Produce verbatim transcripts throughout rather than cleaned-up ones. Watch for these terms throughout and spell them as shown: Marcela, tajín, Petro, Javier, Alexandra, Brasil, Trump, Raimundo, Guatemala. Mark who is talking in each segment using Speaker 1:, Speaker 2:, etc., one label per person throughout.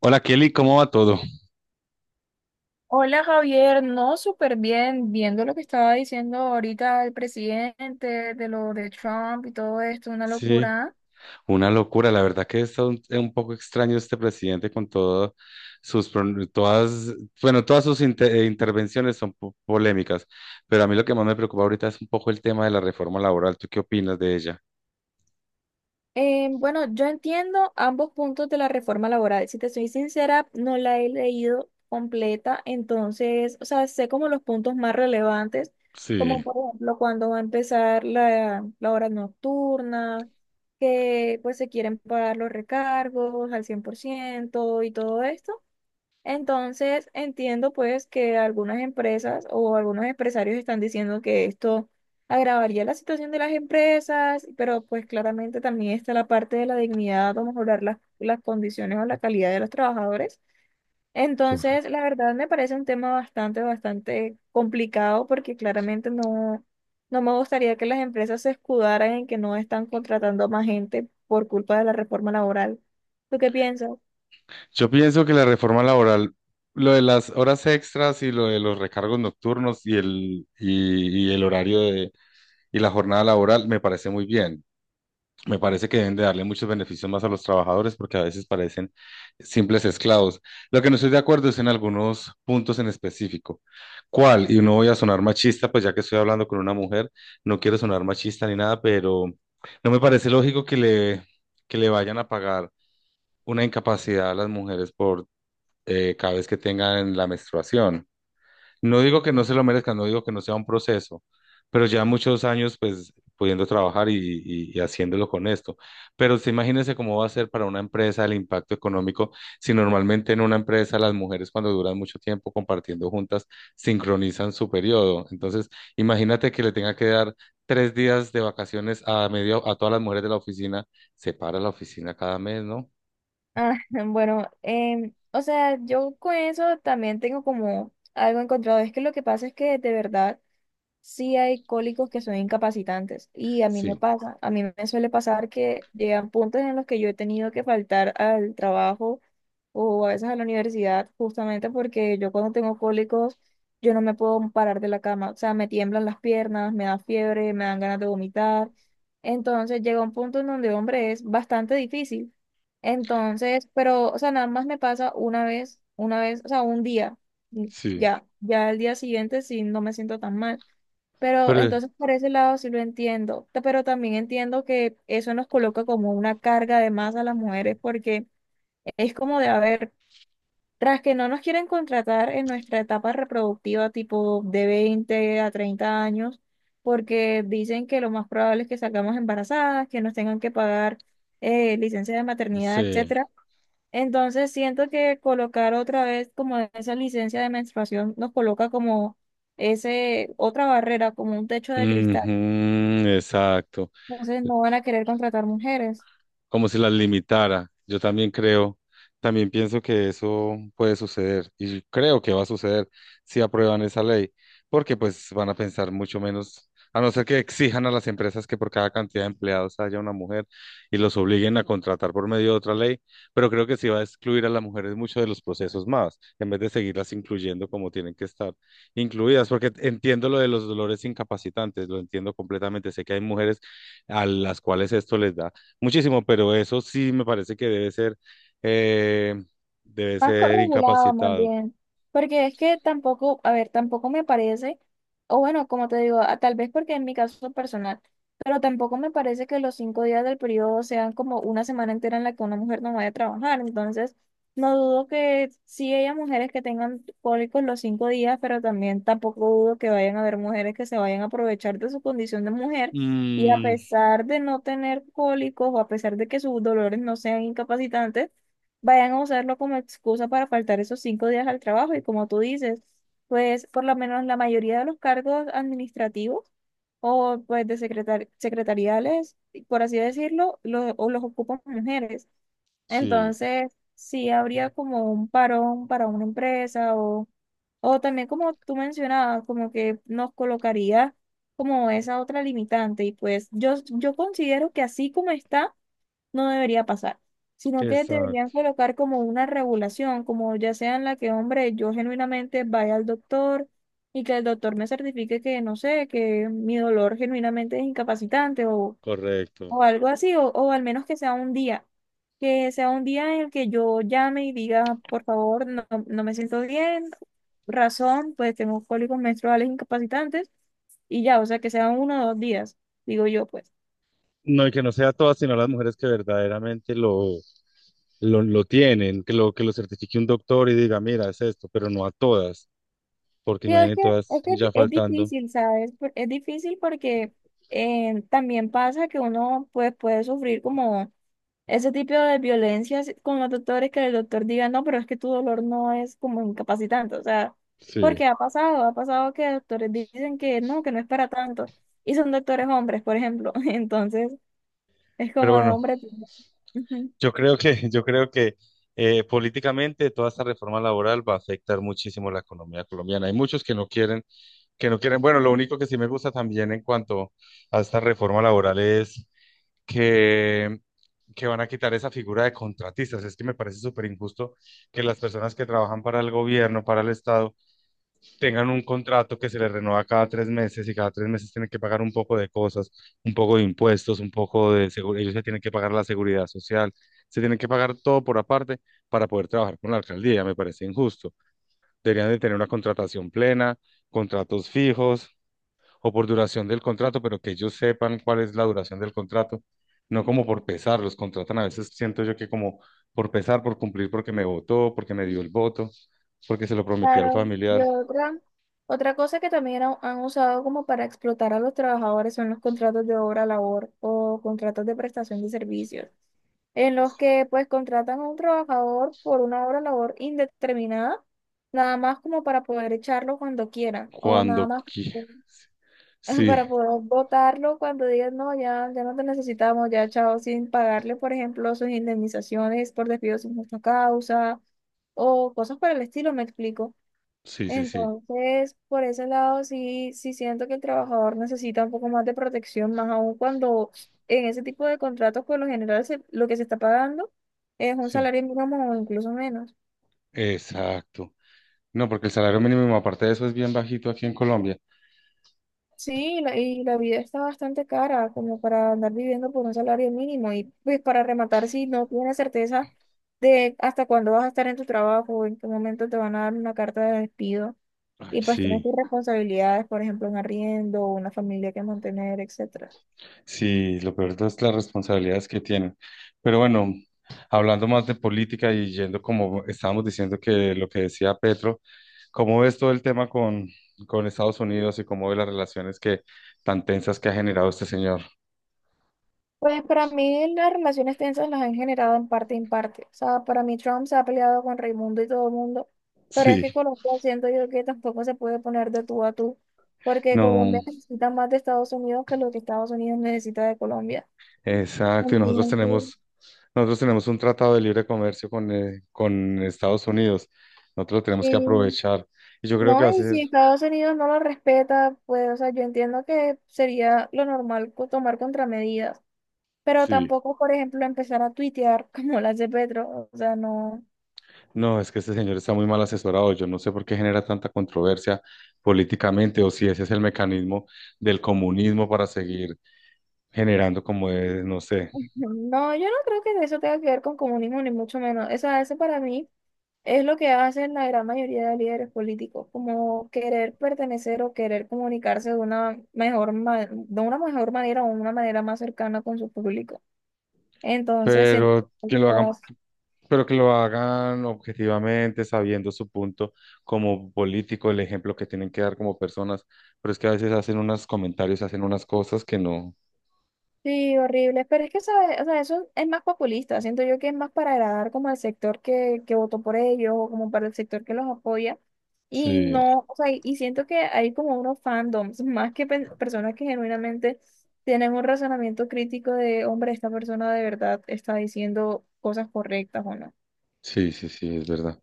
Speaker 1: Hola Kelly, ¿cómo va todo?
Speaker 2: Hola Javier, no, súper bien, viendo lo que estaba diciendo ahorita el presidente de lo de Trump y todo esto, una
Speaker 1: Sí.
Speaker 2: locura.
Speaker 1: Una locura, la verdad que está un, un poco extraño este presidente con todas sus, pron- todas, bueno, todas sus inte- eh, intervenciones son po- polémicas, pero a mí lo que más me preocupa ahorita es un poco el tema de la reforma laboral. ¿Tú qué opinas de ella?
Speaker 2: Eh, bueno, yo entiendo ambos puntos de la reforma laboral. Si te soy sincera, no la he leído completa, entonces, o sea, sé como los puntos más relevantes, como
Speaker 1: Sí.
Speaker 2: por ejemplo cuando va a empezar la, la hora nocturna, que pues se quieren pagar los recargos al cien por ciento y todo esto. Entonces, entiendo pues que algunas empresas o algunos empresarios están diciendo que esto agravaría la situación de las empresas, pero pues claramente también está la parte de la dignidad o mejorar las, las condiciones o la calidad de los trabajadores.
Speaker 1: corre-
Speaker 2: Entonces, la verdad me parece un tema bastante, bastante complicado porque claramente no, no me gustaría que las empresas se escudaran en que no están contratando más gente por culpa de la reforma laboral. ¿Tú qué piensas?
Speaker 1: Yo pienso que la reforma laboral, lo de las horas extras y lo de los recargos nocturnos y el, y, y el horario de, y la jornada laboral me parece muy bien. Me parece que deben de darle muchos beneficios más a los trabajadores porque a veces parecen simples esclavos. Lo que no estoy de acuerdo es en algunos puntos en específico. ¿Cuál? Y no voy a sonar machista, pues ya que estoy hablando con una mujer, no quiero sonar machista ni nada, pero no me parece lógico que le, que le vayan a pagar una incapacidad a las mujeres por eh, cada vez que tengan la menstruación. No digo que no se lo merezcan, no digo que no sea un proceso, pero ya muchos años pues pudiendo trabajar y, y- y haciéndolo con esto. Pero usted imagínese cómo va a ser para una empresa el impacto económico si normalmente en una empresa las mujeres cuando duran mucho tiempo compartiendo juntas sincronizan su periodo. Entonces, imagínate que le tenga que dar tres días de vacaciones a medio a todas las mujeres de la oficina, se para la oficina cada mes, ¿no?
Speaker 2: Ah, bueno, em, o sea, yo con eso también tengo como algo encontrado. Es que lo que pasa es que de verdad sí hay cólicos que son incapacitantes y a mí me
Speaker 1: Sí,
Speaker 2: pasa, a mí me suele pasar que llegan puntos en los que yo he tenido que faltar al trabajo o a veces a la universidad justamente porque yo cuando tengo cólicos yo no me puedo parar de la cama, o sea, me tiemblan las piernas, me da fiebre, me dan ganas de vomitar. Entonces llega un punto en donde, hombre, es bastante difícil. Entonces, pero, o sea, nada más me pasa una vez, una vez, o sea, un día,
Speaker 1: sí.
Speaker 2: ya, ya el día siguiente sí no me siento tan mal. Pero
Speaker 1: Pero
Speaker 2: entonces por ese lado sí lo entiendo, T- pero también entiendo que eso nos coloca como una carga de más a las mujeres porque es como de, a ver, tras que no nos quieren contratar en nuestra etapa reproductiva tipo de veinte a treinta años, porque dicen que lo más probable es que salgamos embarazadas, que nos tengan que pagar eh, licencia de maternidad,
Speaker 1: sí.
Speaker 2: etcétera. Entonces siento que colocar otra vez como esa licencia de menstruación nos coloca como ese otra barrera, como un techo de cristal.
Speaker 1: Ujú, exacto.
Speaker 2: Entonces no van a querer contratar mujeres.
Speaker 1: Como si las limitara. Yo también creo, también pienso que eso puede suceder y creo que va a suceder si aprueban esa ley, porque pues van a pensar mucho menos, a no ser que exijan a las empresas que por cada cantidad de empleados haya una mujer y los obliguen a contratar por medio de otra ley, pero creo que sí va a excluir a las mujeres mucho de los procesos más, en vez de seguirlas incluyendo como tienen que estar incluidas, porque entiendo lo de los dolores incapacitantes, lo entiendo completamente, sé que hay mujeres a las cuales esto les da muchísimo, pero eso sí me parece que debe ser, eh, debe
Speaker 2: Más
Speaker 1: ser
Speaker 2: corregulado, más
Speaker 1: incapacitado.
Speaker 2: bien. Porque es que tampoco, a ver, tampoco me parece, o bueno, como te digo, a- tal vez porque en mi caso personal, pero tampoco me parece que los cinco días del periodo sean como una semana entera en la que una mujer no vaya a trabajar. Entonces, no dudo que sí haya mujeres que tengan cólicos los cinco días, pero también tampoco dudo que vayan a haber mujeres que se vayan a aprovechar de su condición de mujer. Y a
Speaker 1: Mm,
Speaker 2: pesar de no tener cólicos o a pesar de que sus dolores no sean incapacitantes, vayan a usarlo como excusa para faltar esos cinco días al trabajo. Y como tú dices, pues por lo menos la mayoría de los cargos administrativos o pues de secretar secretariales, por así decirlo, lo- o los ocupan mujeres.
Speaker 1: sí,
Speaker 2: Entonces, sí habría como un parón para una empresa o, o también como tú mencionabas, como que nos colocaría como esa otra limitante. Y pues yo, yo considero que así como está no debería pasar, sino que
Speaker 1: exacto,
Speaker 2: deberían colocar como una regulación, como ya sea en la que, hombre, yo genuinamente vaya al doctor y que el doctor me certifique que, no sé, que mi dolor genuinamente es incapacitante o,
Speaker 1: correcto.
Speaker 2: o algo así, o, o al menos que sea un día, que sea un día en el que yo llame y diga, por favor, no, no me siento bien, razón, pues tengo cólicos menstruales incapacitantes y ya, o sea, que sean uno o dos días, digo yo, pues.
Speaker 1: No, y que no sea todas, sino las mujeres que verdaderamente lo, lo, lo tienen, que lo, que lo certifique un doctor y diga, mira, es esto, pero no a todas, porque
Speaker 2: Sí, es
Speaker 1: imaginen
Speaker 2: que,
Speaker 1: todas
Speaker 2: es que
Speaker 1: ya
Speaker 2: es
Speaker 1: faltando.
Speaker 2: difícil, ¿sabes? Por- Es difícil porque eh, también pasa que uno pues, puede sufrir como ese tipo de violencias con los doctores, que el doctor diga, no, pero es que tu dolor no es como incapacitante, o sea,
Speaker 1: Sí,
Speaker 2: porque ha pasado, ha pasado que doctores dicen que no, que no es para tanto, y son doctores hombres, por ejemplo, entonces es
Speaker 1: pero
Speaker 2: como de
Speaker 1: bueno,
Speaker 2: hombre.
Speaker 1: yo creo que, yo creo que eh, políticamente toda esta reforma laboral va a afectar muchísimo la economía colombiana. Hay muchos que no quieren que no quieren. Bueno, lo único que sí me gusta también en cuanto a esta reforma laboral es que, que van a quitar esa figura de contratistas. Es que me parece súper injusto que las personas que trabajan para el gobierno, para el Estado, tengan un contrato que se les renueva cada tres meses y cada tres meses tienen que pagar un poco de cosas, un poco de impuestos, un poco de seguridad. Ellos se tienen que pagar la seguridad social, se tienen que pagar todo por aparte para poder trabajar con la alcaldía. Me parece injusto. Deberían de tener una contratación plena, contratos fijos o por duración del contrato, pero que ellos sepan cuál es la duración del contrato, no como por pesar, los contratan a veces, siento yo que como por pesar, por cumplir, porque me votó, porque me dio el voto, porque se lo prometí al
Speaker 2: Claro, y
Speaker 1: familiar,
Speaker 2: otra, otra cosa que también han, han usado como para explotar a los trabajadores son los contratos de obra labor o contratos de prestación de servicios, en los que pues contratan a un trabajador por una obra labor indeterminada, nada más como para poder echarlo cuando quieran, o nada
Speaker 1: cuando
Speaker 2: más
Speaker 1: quieras. Sí,
Speaker 2: para poder votarlo cuando digan, no, ya, ya no te necesitamos, ya chao, sin pagarle, por ejemplo, sus indemnizaciones por despido sin justa causa, o cosas por el estilo, me explico.
Speaker 1: sí, sí, sí,
Speaker 2: Entonces, por ese lado, sí, sí siento que el trabajador necesita un poco más de protección, más aún cuando en ese tipo de contratos, por lo general, se- lo que se está pagando es un
Speaker 1: sí,
Speaker 2: salario mínimo o incluso menos.
Speaker 1: exacto. No, porque el salario mínimo, aparte de eso, es bien bajito aquí en Colombia.
Speaker 2: Sí, la- y la vida está bastante cara como para andar viviendo por un salario mínimo y pues para rematar, si no tienes certeza de hasta cuándo vas a estar en tu trabajo, en qué momento te van a dar una carta de despido
Speaker 1: Ay,
Speaker 2: y pues tienes
Speaker 1: sí.
Speaker 2: tus responsabilidades, por ejemplo, un arriendo, una familia que mantener, etcétera.
Speaker 1: Sí, lo peor es las responsabilidades que tienen. Pero bueno, hablando más de política y yendo como estábamos diciendo que lo que decía Petro, ¿cómo ves todo el tema con, con Estados Unidos y cómo ves las relaciones que tan tensas que ha generado este señor?
Speaker 2: Pues para mí las relaciones tensas las han generado en parte en parte. O sea, para mí Trump se ha peleado con Raimundo y todo el mundo, pero es
Speaker 1: Sí,
Speaker 2: que Colombia siento yo que tampoco se puede poner de tú a tú, porque
Speaker 1: no,
Speaker 2: Colombia necesita más de Estados Unidos que lo que Estados Unidos necesita de Colombia.
Speaker 1: exacto. Y nosotros
Speaker 2: Entonces,
Speaker 1: tenemos, nosotros tenemos un tratado de libre comercio con, eh, con Estados Unidos. Nosotros lo tenemos que
Speaker 2: sí,
Speaker 1: aprovechar. Y yo creo
Speaker 2: no,
Speaker 1: que va a
Speaker 2: y
Speaker 1: ser,
Speaker 2: si Estados Unidos no lo respeta, pues, o sea, yo entiendo que sería lo normal co- tomar contramedidas, pero
Speaker 1: sí.
Speaker 2: tampoco, por ejemplo, empezar a tuitear como las de Petro, o sea, no.
Speaker 1: No, es que este señor está muy mal asesorado. Yo no sé por qué genera tanta controversia políticamente o si ese es el mecanismo del comunismo para seguir generando como es, no sé.
Speaker 2: No, yo no creo que eso tenga que ver con comunismo, ni mucho menos. O sea, eso para mí es lo que hacen la gran mayoría de líderes políticos, como querer pertenecer o querer comunicarse de una mejor, ma- de una mejor manera o una manera más cercana con su público. Entonces, siento.
Speaker 1: Pero que lo hagan, pero que lo hagan objetivamente, sabiendo su punto como político, el ejemplo que tienen que dar como personas. Pero es que a veces hacen unos comentarios, hacen unas cosas que no.
Speaker 2: Sí, horrible. Pero es que, ¿sabes? O sea, eso es más populista. Siento yo que es más para agradar como al sector que, que votó por ellos o como para el sector que los apoya. Y
Speaker 1: Sí,
Speaker 2: no, o sea, y y siento que hay como unos fandoms, más que pen- personas que genuinamente tienen un razonamiento crítico de, hombre, esta persona de verdad está diciendo cosas correctas o no.
Speaker 1: sí, sí, sí, es verdad.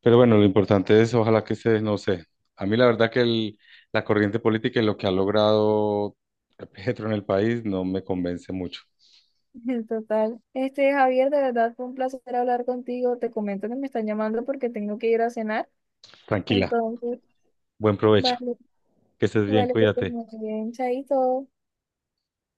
Speaker 1: Pero bueno, lo importante es, ojalá que se, no sé, a mí la verdad que el- la corriente política y lo que ha logrado Petro en el país no me convence mucho.
Speaker 2: Total. Este, Javier, de verdad fue un placer hablar contigo. Te comento que me están llamando porque tengo que ir a cenar.
Speaker 1: Tranquila,
Speaker 2: Entonces,
Speaker 1: buen provecho,
Speaker 2: vale,
Speaker 1: que estés bien,
Speaker 2: vale, que estés
Speaker 1: cuídate.
Speaker 2: muy bien, chaito.